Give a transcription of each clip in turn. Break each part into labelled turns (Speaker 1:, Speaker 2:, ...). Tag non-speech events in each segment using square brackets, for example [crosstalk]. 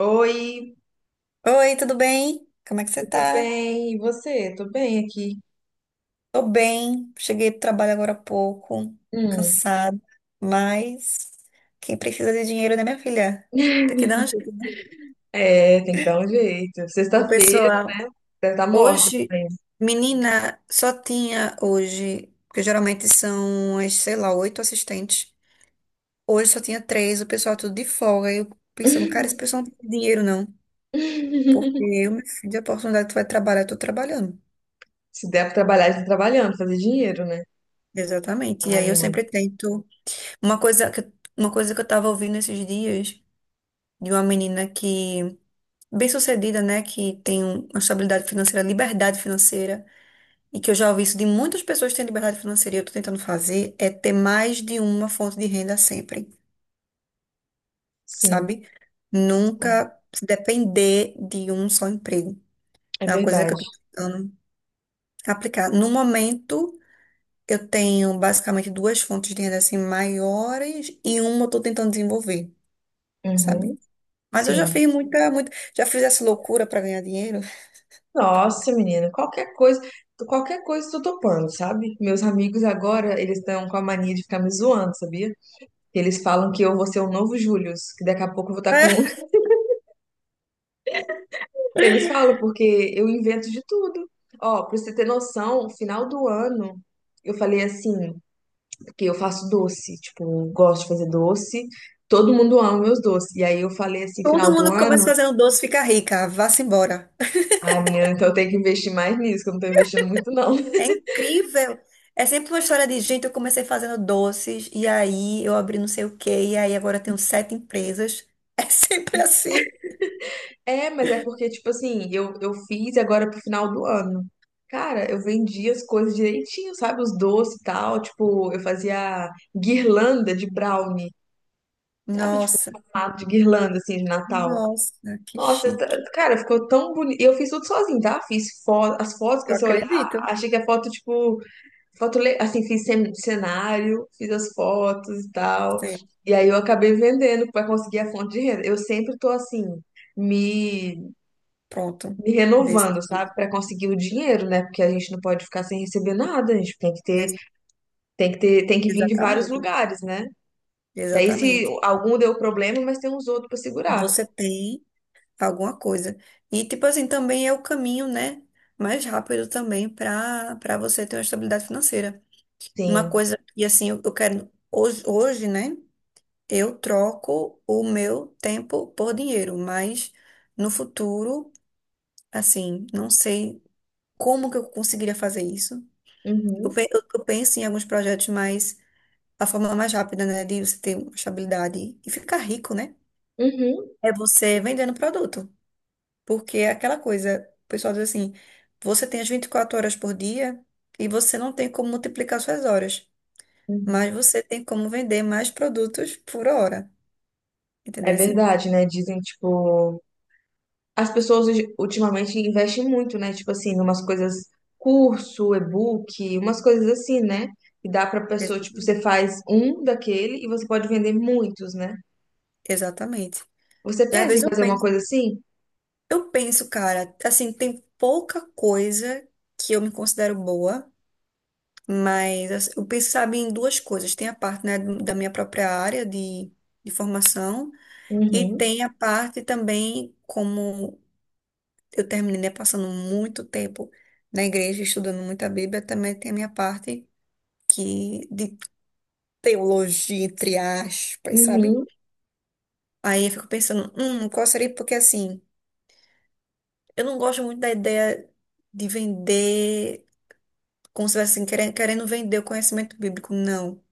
Speaker 1: Oi,
Speaker 2: Oi, tudo bem? Como é que você
Speaker 1: tudo
Speaker 2: tá?
Speaker 1: bem? E você? Tô bem aqui.
Speaker 2: Tô bem, cheguei do trabalho agora há pouco,
Speaker 1: Hum.
Speaker 2: cansada, mas quem precisa de dinheiro, né, minha filha? Tem que dar um jeito, né?
Speaker 1: É, tem que dar um jeito.
Speaker 2: O
Speaker 1: Sexta-feira,
Speaker 2: pessoal,
Speaker 1: né? Deve estar morta
Speaker 2: hoje,
Speaker 1: também.
Speaker 2: menina, só tinha hoje, porque geralmente são, as, sei lá, oito assistentes. Hoje só tinha três, o pessoal tudo de folga. E eu pensando, cara, esse pessoal não tem dinheiro, não. Porque
Speaker 1: [laughs]
Speaker 2: eu, minha filha, a oportunidade que tu vai trabalhar, eu tô trabalhando.
Speaker 1: Se der pra trabalhar, está trabalhando, fazer dinheiro, né?
Speaker 2: Exatamente. E
Speaker 1: Ai,
Speaker 2: aí eu
Speaker 1: menina.
Speaker 2: sempre tento. Uma coisa que, uma coisa que eu tava ouvindo esses dias de uma menina que, bem-sucedida, né, que tem uma estabilidade financeira, liberdade financeira, e que eu já ouvi isso de muitas pessoas que têm liberdade financeira e eu tô tentando fazer, é ter mais de uma fonte de renda sempre,
Speaker 1: Sim,
Speaker 2: sabe?
Speaker 1: sim.
Speaker 2: Nunca se depender de um só emprego.
Speaker 1: É
Speaker 2: É uma coisa que eu
Speaker 1: verdade.
Speaker 2: tô tentando aplicar. No momento, eu tenho basicamente duas fontes de renda assim maiores e uma eu tô tentando desenvolver. Sabe?
Speaker 1: Uhum,
Speaker 2: Mas eu já
Speaker 1: sim.
Speaker 2: fiz muita, muita, já fiz essa loucura para ganhar dinheiro. [laughs]
Speaker 1: Nossa, menina, qualquer coisa eu tô topando, sabe? Meus amigos agora, eles estão com a mania de ficar me zoando, sabia? Eles falam que eu vou ser o novo Július, que daqui a pouco eu vou estar com.
Speaker 2: É,
Speaker 1: Eles falam porque eu invento de tudo. Ó, pra você ter noção, final do ano eu falei assim, porque eu faço doce, tipo, eu gosto de fazer doce, todo mundo ama meus doces. E aí eu falei assim,
Speaker 2: todo
Speaker 1: final do
Speaker 2: mundo que começa
Speaker 1: ano,
Speaker 2: fazendo doce fica rica, vá-se embora.
Speaker 1: ai, menina, então eu tenho que investir mais nisso, que eu não tô investindo muito, não. [laughs]
Speaker 2: É incrível. É sempre uma história de gente, eu comecei fazendo doces, e aí eu abri não sei o quê, e aí agora eu tenho sete empresas. [laughs] É sempre assim.
Speaker 1: É, mas é porque, tipo assim, eu fiz agora pro final do ano. Cara, eu vendia as coisas direitinho, sabe? Os doces e tal. Tipo, eu fazia guirlanda de brownie, sabe? Tipo,
Speaker 2: Nossa,
Speaker 1: formato de guirlanda, assim, de Natal.
Speaker 2: nossa, que
Speaker 1: Nossa,
Speaker 2: chique.
Speaker 1: cara, ficou tão bonito. E eu fiz tudo sozinho, tá? Fiz foto, as fotos que
Speaker 2: Eu
Speaker 1: você olhar,
Speaker 2: acredito.
Speaker 1: achei que a foto, tipo, assim, cenário, fiz as fotos e tal.
Speaker 2: Sim,
Speaker 1: E aí eu acabei vendendo pra conseguir a fonte de renda. Eu sempre tô assim, me,
Speaker 2: pronto.
Speaker 1: me
Speaker 2: Desse,
Speaker 1: renovando, sabe? Pra conseguir o dinheiro, né? Porque a gente não pode ficar sem receber nada, a gente tem que ter,
Speaker 2: desse-
Speaker 1: tem que ter, tem que vir de vários
Speaker 2: exatamente,
Speaker 1: lugares, né? E aí se
Speaker 2: exatamente.
Speaker 1: algum deu problema, mas tem uns outros pra segurar.
Speaker 2: Você tem alguma coisa. E tipo assim, também é o caminho, né, mais rápido também para você ter uma estabilidade financeira. Uma
Speaker 1: Sim.
Speaker 2: coisa que assim, eu quero hoje, hoje, né, eu troco o meu tempo por dinheiro, mas no futuro, assim, não sei como que eu conseguiria fazer isso. Eu,
Speaker 1: Uhum.
Speaker 2: pe- eu, eu penso em alguns projetos mais a forma mais rápida, né, de você ter uma estabilidade e ficar rico, né?
Speaker 1: Uhum.
Speaker 2: É você vendendo produto. Porque é aquela coisa, o pessoal diz assim, você tem as 24 horas por dia e você não tem como multiplicar suas horas,
Speaker 1: Uhum.
Speaker 2: mas você tem como vender mais produtos por hora,
Speaker 1: É
Speaker 2: entendeu?
Speaker 1: verdade, né? Dizem, tipo, ultimamente investem muito, né? Tipo assim, umas coisas, curso, e-book, umas coisas assim, né? E dá pra pessoa, tipo, você faz um daquele e você pode vender muitos, né?
Speaker 2: Exatamente.
Speaker 1: Você
Speaker 2: E às
Speaker 1: pensa
Speaker 2: vezes
Speaker 1: em
Speaker 2: eu
Speaker 1: fazer uma
Speaker 2: penso,
Speaker 1: coisa assim?
Speaker 2: eu penso, cara, assim, tem pouca coisa que eu me considero boa, mas assim, eu penso, sabe, em duas coisas. Tem a parte, né, da minha própria área de formação e
Speaker 1: Uhum,
Speaker 2: tem a parte também como eu terminei, né, passando muito tempo na igreja, estudando muita Bíblia. Também tem a minha parte que de teologia, entre aspas, sabe?
Speaker 1: uhum,
Speaker 2: Aí eu fico pensando, qual seria? Porque assim, eu não gosto muito da ideia de vender, como se estivesse assim, querendo, querendo vender o conhecimento bíblico, não.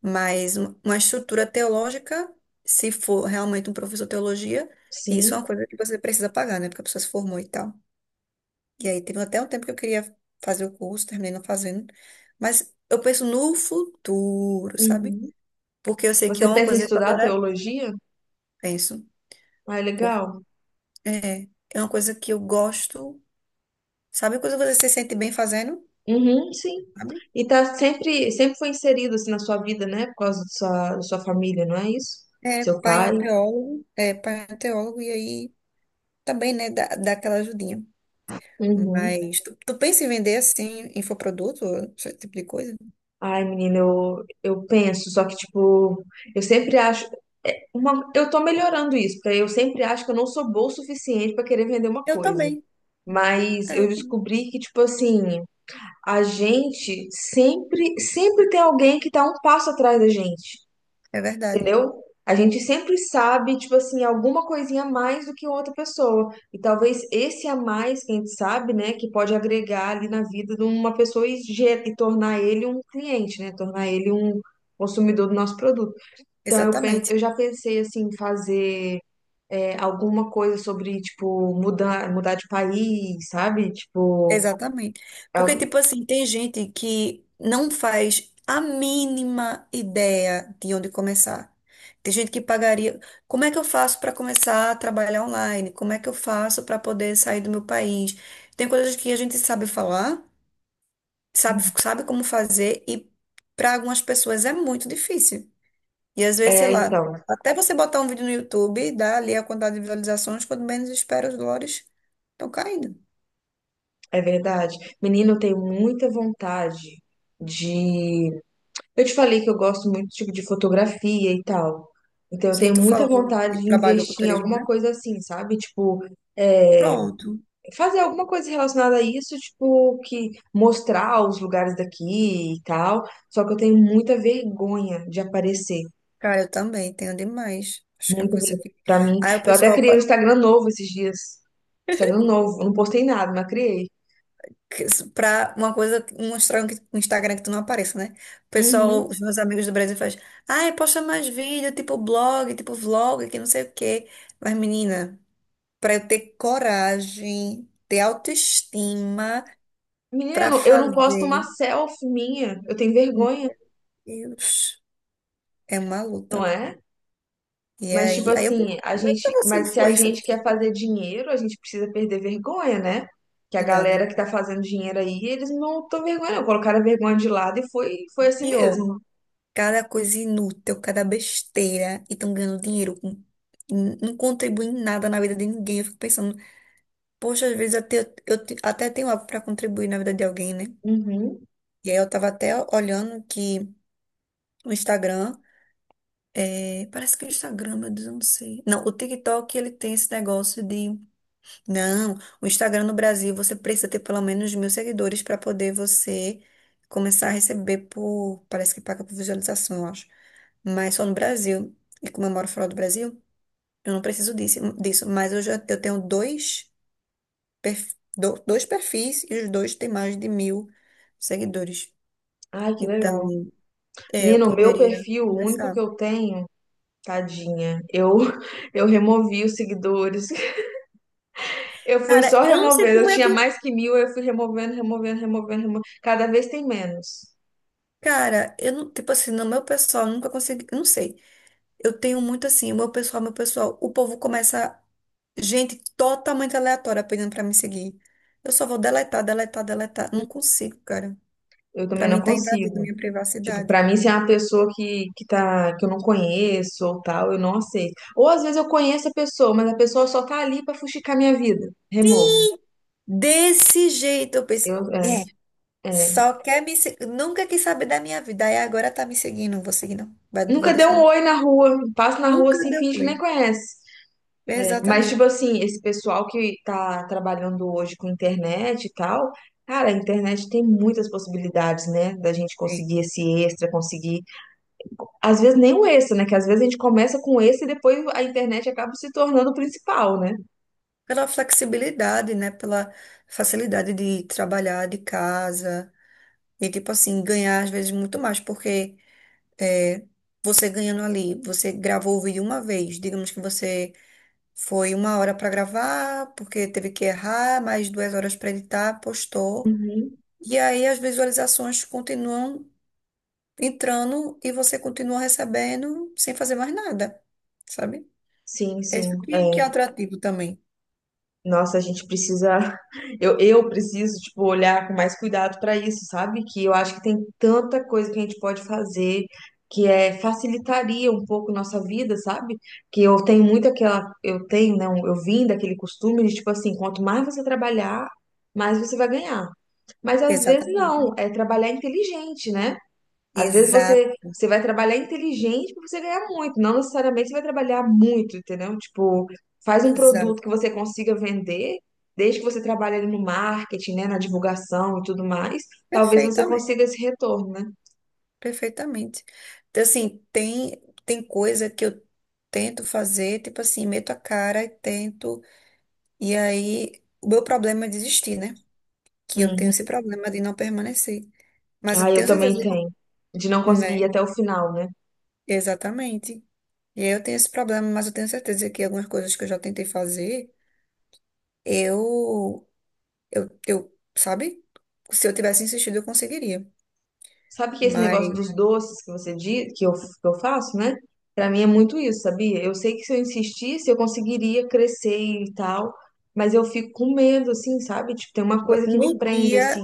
Speaker 2: Mas uma estrutura teológica, se for realmente um professor de teologia, isso é
Speaker 1: sim,
Speaker 2: uma coisa que você precisa pagar, né? Porque a pessoa se formou e tal. E aí teve até um tempo que eu queria fazer o curso, terminei não fazendo. Mas eu penso no futuro, sabe?
Speaker 1: uhum.
Speaker 2: Porque eu sei que é
Speaker 1: Você
Speaker 2: uma
Speaker 1: pensa em
Speaker 2: coisa que eu
Speaker 1: estudar
Speaker 2: adoraria.
Speaker 1: teologia?
Speaker 2: Penso.
Speaker 1: Ah, é
Speaker 2: Por...
Speaker 1: legal.
Speaker 2: É, é uma coisa que eu gosto. Sabe quando você se sente bem fazendo?
Speaker 1: Uhum, sim.
Speaker 2: Sabe?
Speaker 1: E tá sempre, sempre foi inserido assim na sua vida, né? Por causa da sua família, não é isso?
Speaker 2: É,
Speaker 1: Seu
Speaker 2: pai é
Speaker 1: pai?
Speaker 2: um teólogo. É, pai é um teólogo. E aí também, né, dá aquela ajudinha.
Speaker 1: Uhum.
Speaker 2: Mas tu pensa em vender assim, infoproduto, esse tipo de coisa?
Speaker 1: Ai, menina, eu penso, só que, tipo, eu sempre acho. Uma, eu tô melhorando isso, porque eu sempre acho que eu não sou boa o suficiente pra querer vender uma
Speaker 2: Eu
Speaker 1: coisa.
Speaker 2: também.
Speaker 1: Mas eu
Speaker 2: É,
Speaker 1: descobri que, tipo assim, a gente sempre, sempre tem alguém que tá um passo atrás da gente.
Speaker 2: é verdade.
Speaker 1: Entendeu? A gente sempre sabe, tipo assim, alguma coisinha a mais do que outra pessoa. E talvez esse a mais que a gente sabe, né, que pode agregar ali na vida de uma pessoa e e tornar ele um cliente, né? Tornar ele um consumidor do nosso produto. Então,
Speaker 2: Exatamente.
Speaker 1: eu já pensei, assim, em fazer alguma coisa sobre, tipo, mudar, mudar de país, sabe? Tipo,
Speaker 2: Exatamente. Porque,
Speaker 1: al-
Speaker 2: tipo assim, tem gente que não faz a mínima ideia de onde começar. Tem gente que pagaria. Como é que eu faço para começar a trabalhar online? Como é que eu faço para poder sair do meu país? Tem coisas que a gente sabe falar, sabe, sabe como fazer, e para algumas pessoas é muito difícil. E às vezes, sei
Speaker 1: é,
Speaker 2: lá,
Speaker 1: então,
Speaker 2: até você botar um vídeo no YouTube, dá ali a quantidade de visualizações, quando menos espera, os dólares estão caindo.
Speaker 1: é verdade. Menino, eu tenho muita vontade de. Eu te falei que eu gosto muito tipo de fotografia e tal. Então eu
Speaker 2: Sim,
Speaker 1: tenho
Speaker 2: tu
Speaker 1: muita
Speaker 2: falou do que
Speaker 1: vontade de
Speaker 2: trabalhou com
Speaker 1: investir em
Speaker 2: turismo,
Speaker 1: alguma
Speaker 2: né?
Speaker 1: coisa assim, sabe? Tipo, é,
Speaker 2: Pronto.
Speaker 1: fazer alguma coisa relacionada a isso, tipo, que mostrar os lugares daqui e tal. Só que eu tenho muita vergonha de aparecer.
Speaker 2: Cara, eu também tenho demais. Acho que é a
Speaker 1: Muita
Speaker 2: coisa
Speaker 1: vergonha.
Speaker 2: que.
Speaker 1: Pra mim,
Speaker 2: Aí o
Speaker 1: eu até
Speaker 2: pessoal,
Speaker 1: criei um Instagram novo esses dias. Instagram novo, eu não postei nada, mas criei.
Speaker 2: que- pra uma coisa, um Instagram que tu não apareça, né? O
Speaker 1: Uhum.
Speaker 2: pessoal, os meus amigos do Brasil faz, ai, posta mais vídeo, tipo blog, tipo vlog, que não sei o quê. Mas, menina, pra eu ter coragem, ter autoestima
Speaker 1: Menina, eu
Speaker 2: pra
Speaker 1: não eu não posto uma
Speaker 2: fazer,
Speaker 1: selfie minha. Eu tenho
Speaker 2: meu
Speaker 1: vergonha,
Speaker 2: Deus, é uma
Speaker 1: não
Speaker 2: luta.
Speaker 1: é?
Speaker 2: E
Speaker 1: Mas, tipo
Speaker 2: aí, eu penso,
Speaker 1: assim, a
Speaker 2: como é que eu
Speaker 1: gente,
Speaker 2: vou ser
Speaker 1: mas se a
Speaker 2: influência
Speaker 1: gente
Speaker 2: dessas
Speaker 1: quer
Speaker 2: coisas,
Speaker 1: fazer dinheiro, a gente precisa perder vergonha, né? Que a
Speaker 2: na verdade?
Speaker 1: galera que tá fazendo dinheiro aí, eles não estão vergonha, não. Colocaram a vergonha de lado e foi, foi assim
Speaker 2: Pior.
Speaker 1: mesmo.
Speaker 2: Cada coisa inútil, cada besteira e estão ganhando dinheiro com não contribui em nada na vida de ninguém. Eu fico pensando, poxa, às vezes até, até tenho algo para contribuir na vida de alguém, né?
Speaker 1: Uhum.
Speaker 2: E aí eu tava até olhando que o Instagram, é, parece que o Instagram, meu Deus, eu não sei. Não, o TikTok, ele tem esse negócio de, não, o Instagram no Brasil, você precisa ter pelo menos 1.000 seguidores para poder você começar a receber por, parece que paga por visualização, eu acho. Mas só no Brasil. E como eu moro fora do Brasil, eu não preciso disso, mas eu tenho dois perfis e os dois têm mais de 1.000 seguidores.
Speaker 1: Ai, que
Speaker 2: Então,
Speaker 1: legal.
Speaker 2: é, eu
Speaker 1: Menino, o meu
Speaker 2: poderia
Speaker 1: perfil, o único que
Speaker 2: começar.
Speaker 1: eu tenho, tadinha, eu, [laughs] eu removi os seguidores. [laughs] Eu fui
Speaker 2: Cara,
Speaker 1: só
Speaker 2: eu não sei
Speaker 1: removendo. Eu
Speaker 2: como é
Speaker 1: tinha
Speaker 2: que.
Speaker 1: mais que mil, eu fui removendo, removendo, removendo, removendo. Cada vez tem menos.
Speaker 2: Cara, eu não, tipo assim, no meu pessoal, eu nunca consegui. Eu Não sei. Eu tenho muito assim, o meu pessoal, meu pessoal. O povo começa. Gente totalmente aleatória pedindo pra me seguir. Eu só vou deletar, deletar, deletar. Não consigo, cara.
Speaker 1: Eu
Speaker 2: Pra
Speaker 1: também não
Speaker 2: mim tá invadindo
Speaker 1: consigo.
Speaker 2: minha
Speaker 1: Tipo,
Speaker 2: privacidade.
Speaker 1: pra mim, se é uma pessoa que tá, que eu não conheço ou tal, eu não aceito. Ou às vezes eu conheço a pessoa, mas a pessoa só tá ali pra fuxicar minha vida. Removo.
Speaker 2: Desse jeito, eu penso.
Speaker 1: Eu, é,
Speaker 2: É.
Speaker 1: é.
Speaker 2: Só quer me se- Nunca quis saber da minha vida. Aí agora tá me seguindo. Não vou seguir, não. Vou
Speaker 1: Nunca dei
Speaker 2: deixar,
Speaker 1: um
Speaker 2: não.
Speaker 1: oi na rua, passo na rua
Speaker 2: Nunca
Speaker 1: assim,
Speaker 2: deu
Speaker 1: finge que
Speaker 2: oi.
Speaker 1: nem conhece. É, mas, tipo
Speaker 2: Exatamente.
Speaker 1: assim, esse pessoal que tá trabalhando hoje com internet e tal, cara, a internet tem muitas possibilidades, né? Da gente
Speaker 2: Sim.
Speaker 1: conseguir esse extra, conseguir. Às vezes nem o extra, né? Que às vezes a gente começa com esse e depois a internet acaba se tornando o principal, né?
Speaker 2: Pela flexibilidade, né? Pela facilidade de trabalhar de casa. E, tipo assim, ganhar às vezes muito mais. Porque é, você ganhando ali, você gravou o vídeo uma vez. Digamos que você foi 1 hora para gravar, porque teve que errar, mais 2 horas para editar, postou.
Speaker 1: Uhum.
Speaker 2: E aí as visualizações continuam entrando e você continua recebendo sem fazer mais nada, sabe?
Speaker 1: Sim,
Speaker 2: É isso
Speaker 1: sim,
Speaker 2: que
Speaker 1: é.
Speaker 2: é atrativo também.
Speaker 1: Nossa, a gente precisa, [laughs] eu preciso, tipo, olhar com mais cuidado para isso, sabe? Que eu acho que tem tanta coisa que a gente pode fazer que é facilitaria um pouco nossa vida, sabe? Que eu tenho muito aquela, eu tenho, não, eu vim daquele costume de tipo assim, quanto mais você trabalhar, mais você vai ganhar. Mas às vezes
Speaker 2: Exatamente.
Speaker 1: não, é trabalhar inteligente, né? Às vezes
Speaker 2: Exato,
Speaker 1: você vai trabalhar inteligente para você ganhar muito, não necessariamente você vai trabalhar muito, entendeu? Tipo, faz um produto que
Speaker 2: exato.
Speaker 1: você consiga vender, desde que você trabalhe ali no marketing, né, na divulgação e tudo mais, talvez você
Speaker 2: Perfeitamente,
Speaker 1: consiga esse retorno, né?
Speaker 2: perfeitamente. Então, assim, tem coisa que eu tento fazer, tipo assim, meto a cara e tento. E aí, o meu problema é desistir, né? Que eu tenho esse
Speaker 1: Hum.
Speaker 2: problema de não permanecer. Mas
Speaker 1: Ah,
Speaker 2: eu
Speaker 1: eu
Speaker 2: tenho certeza
Speaker 1: também
Speaker 2: que,
Speaker 1: tenho. De não conseguir ir
Speaker 2: né?
Speaker 1: até o final, né?
Speaker 2: Exatamente. E aí eu tenho esse problema, mas eu tenho certeza que algumas coisas que eu já tentei fazer. Eu, eu, sabe? Se eu tivesse insistido, eu conseguiria.
Speaker 1: Sabe que esse negócio
Speaker 2: Mas
Speaker 1: dos doces que você diz, que eu faço, né? Pra mim é muito isso, sabia? Eu sei que se eu insistisse, eu conseguiria crescer e tal, mas eu fico com medo, assim, sabe? Tipo, tem uma coisa que me
Speaker 2: no
Speaker 1: prende, assim.
Speaker 2: dia,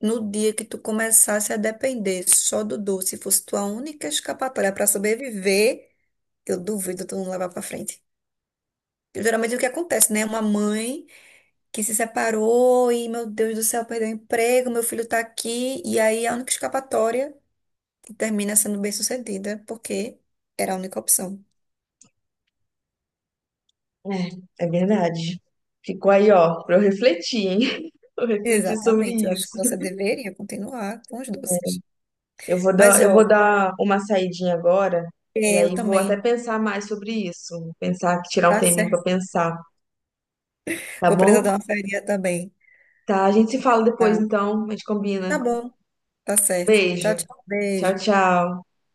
Speaker 2: no dia que tu começasse a depender só do doce, fosse tua única escapatória para sobreviver, eu duvido tu não levar para frente. Geralmente o que acontece, né? Uma mãe que se separou e, meu Deus do céu, perdeu o emprego, meu filho tá aqui, e aí a única escapatória termina sendo bem-sucedida, porque era a única opção.
Speaker 1: É, é verdade. Ficou aí, ó, pra eu refletir, hein? [laughs] Eu refletir sobre
Speaker 2: Exatamente, eu acho que
Speaker 1: isso.
Speaker 2: você deveria continuar com os doces.
Speaker 1: Eu vou
Speaker 2: Mas,
Speaker 1: dar, eu vou
Speaker 2: ó,
Speaker 1: dar uma saidinha agora, e
Speaker 2: é, eu
Speaker 1: aí vou até
Speaker 2: também,
Speaker 1: pensar mais sobre isso. Pensar, tirar um
Speaker 2: tá
Speaker 1: tempinho pra
Speaker 2: certo?
Speaker 1: pensar, tá
Speaker 2: Vou precisar
Speaker 1: bom?
Speaker 2: dar uma feirinha também.
Speaker 1: Tá, a gente se fala depois,
Speaker 2: Tá,
Speaker 1: então, a gente
Speaker 2: tá
Speaker 1: combina.
Speaker 2: bom, tá certo. Tchau,
Speaker 1: Beijo.
Speaker 2: tchau.
Speaker 1: Tchau,
Speaker 2: Beijo.
Speaker 1: tchau.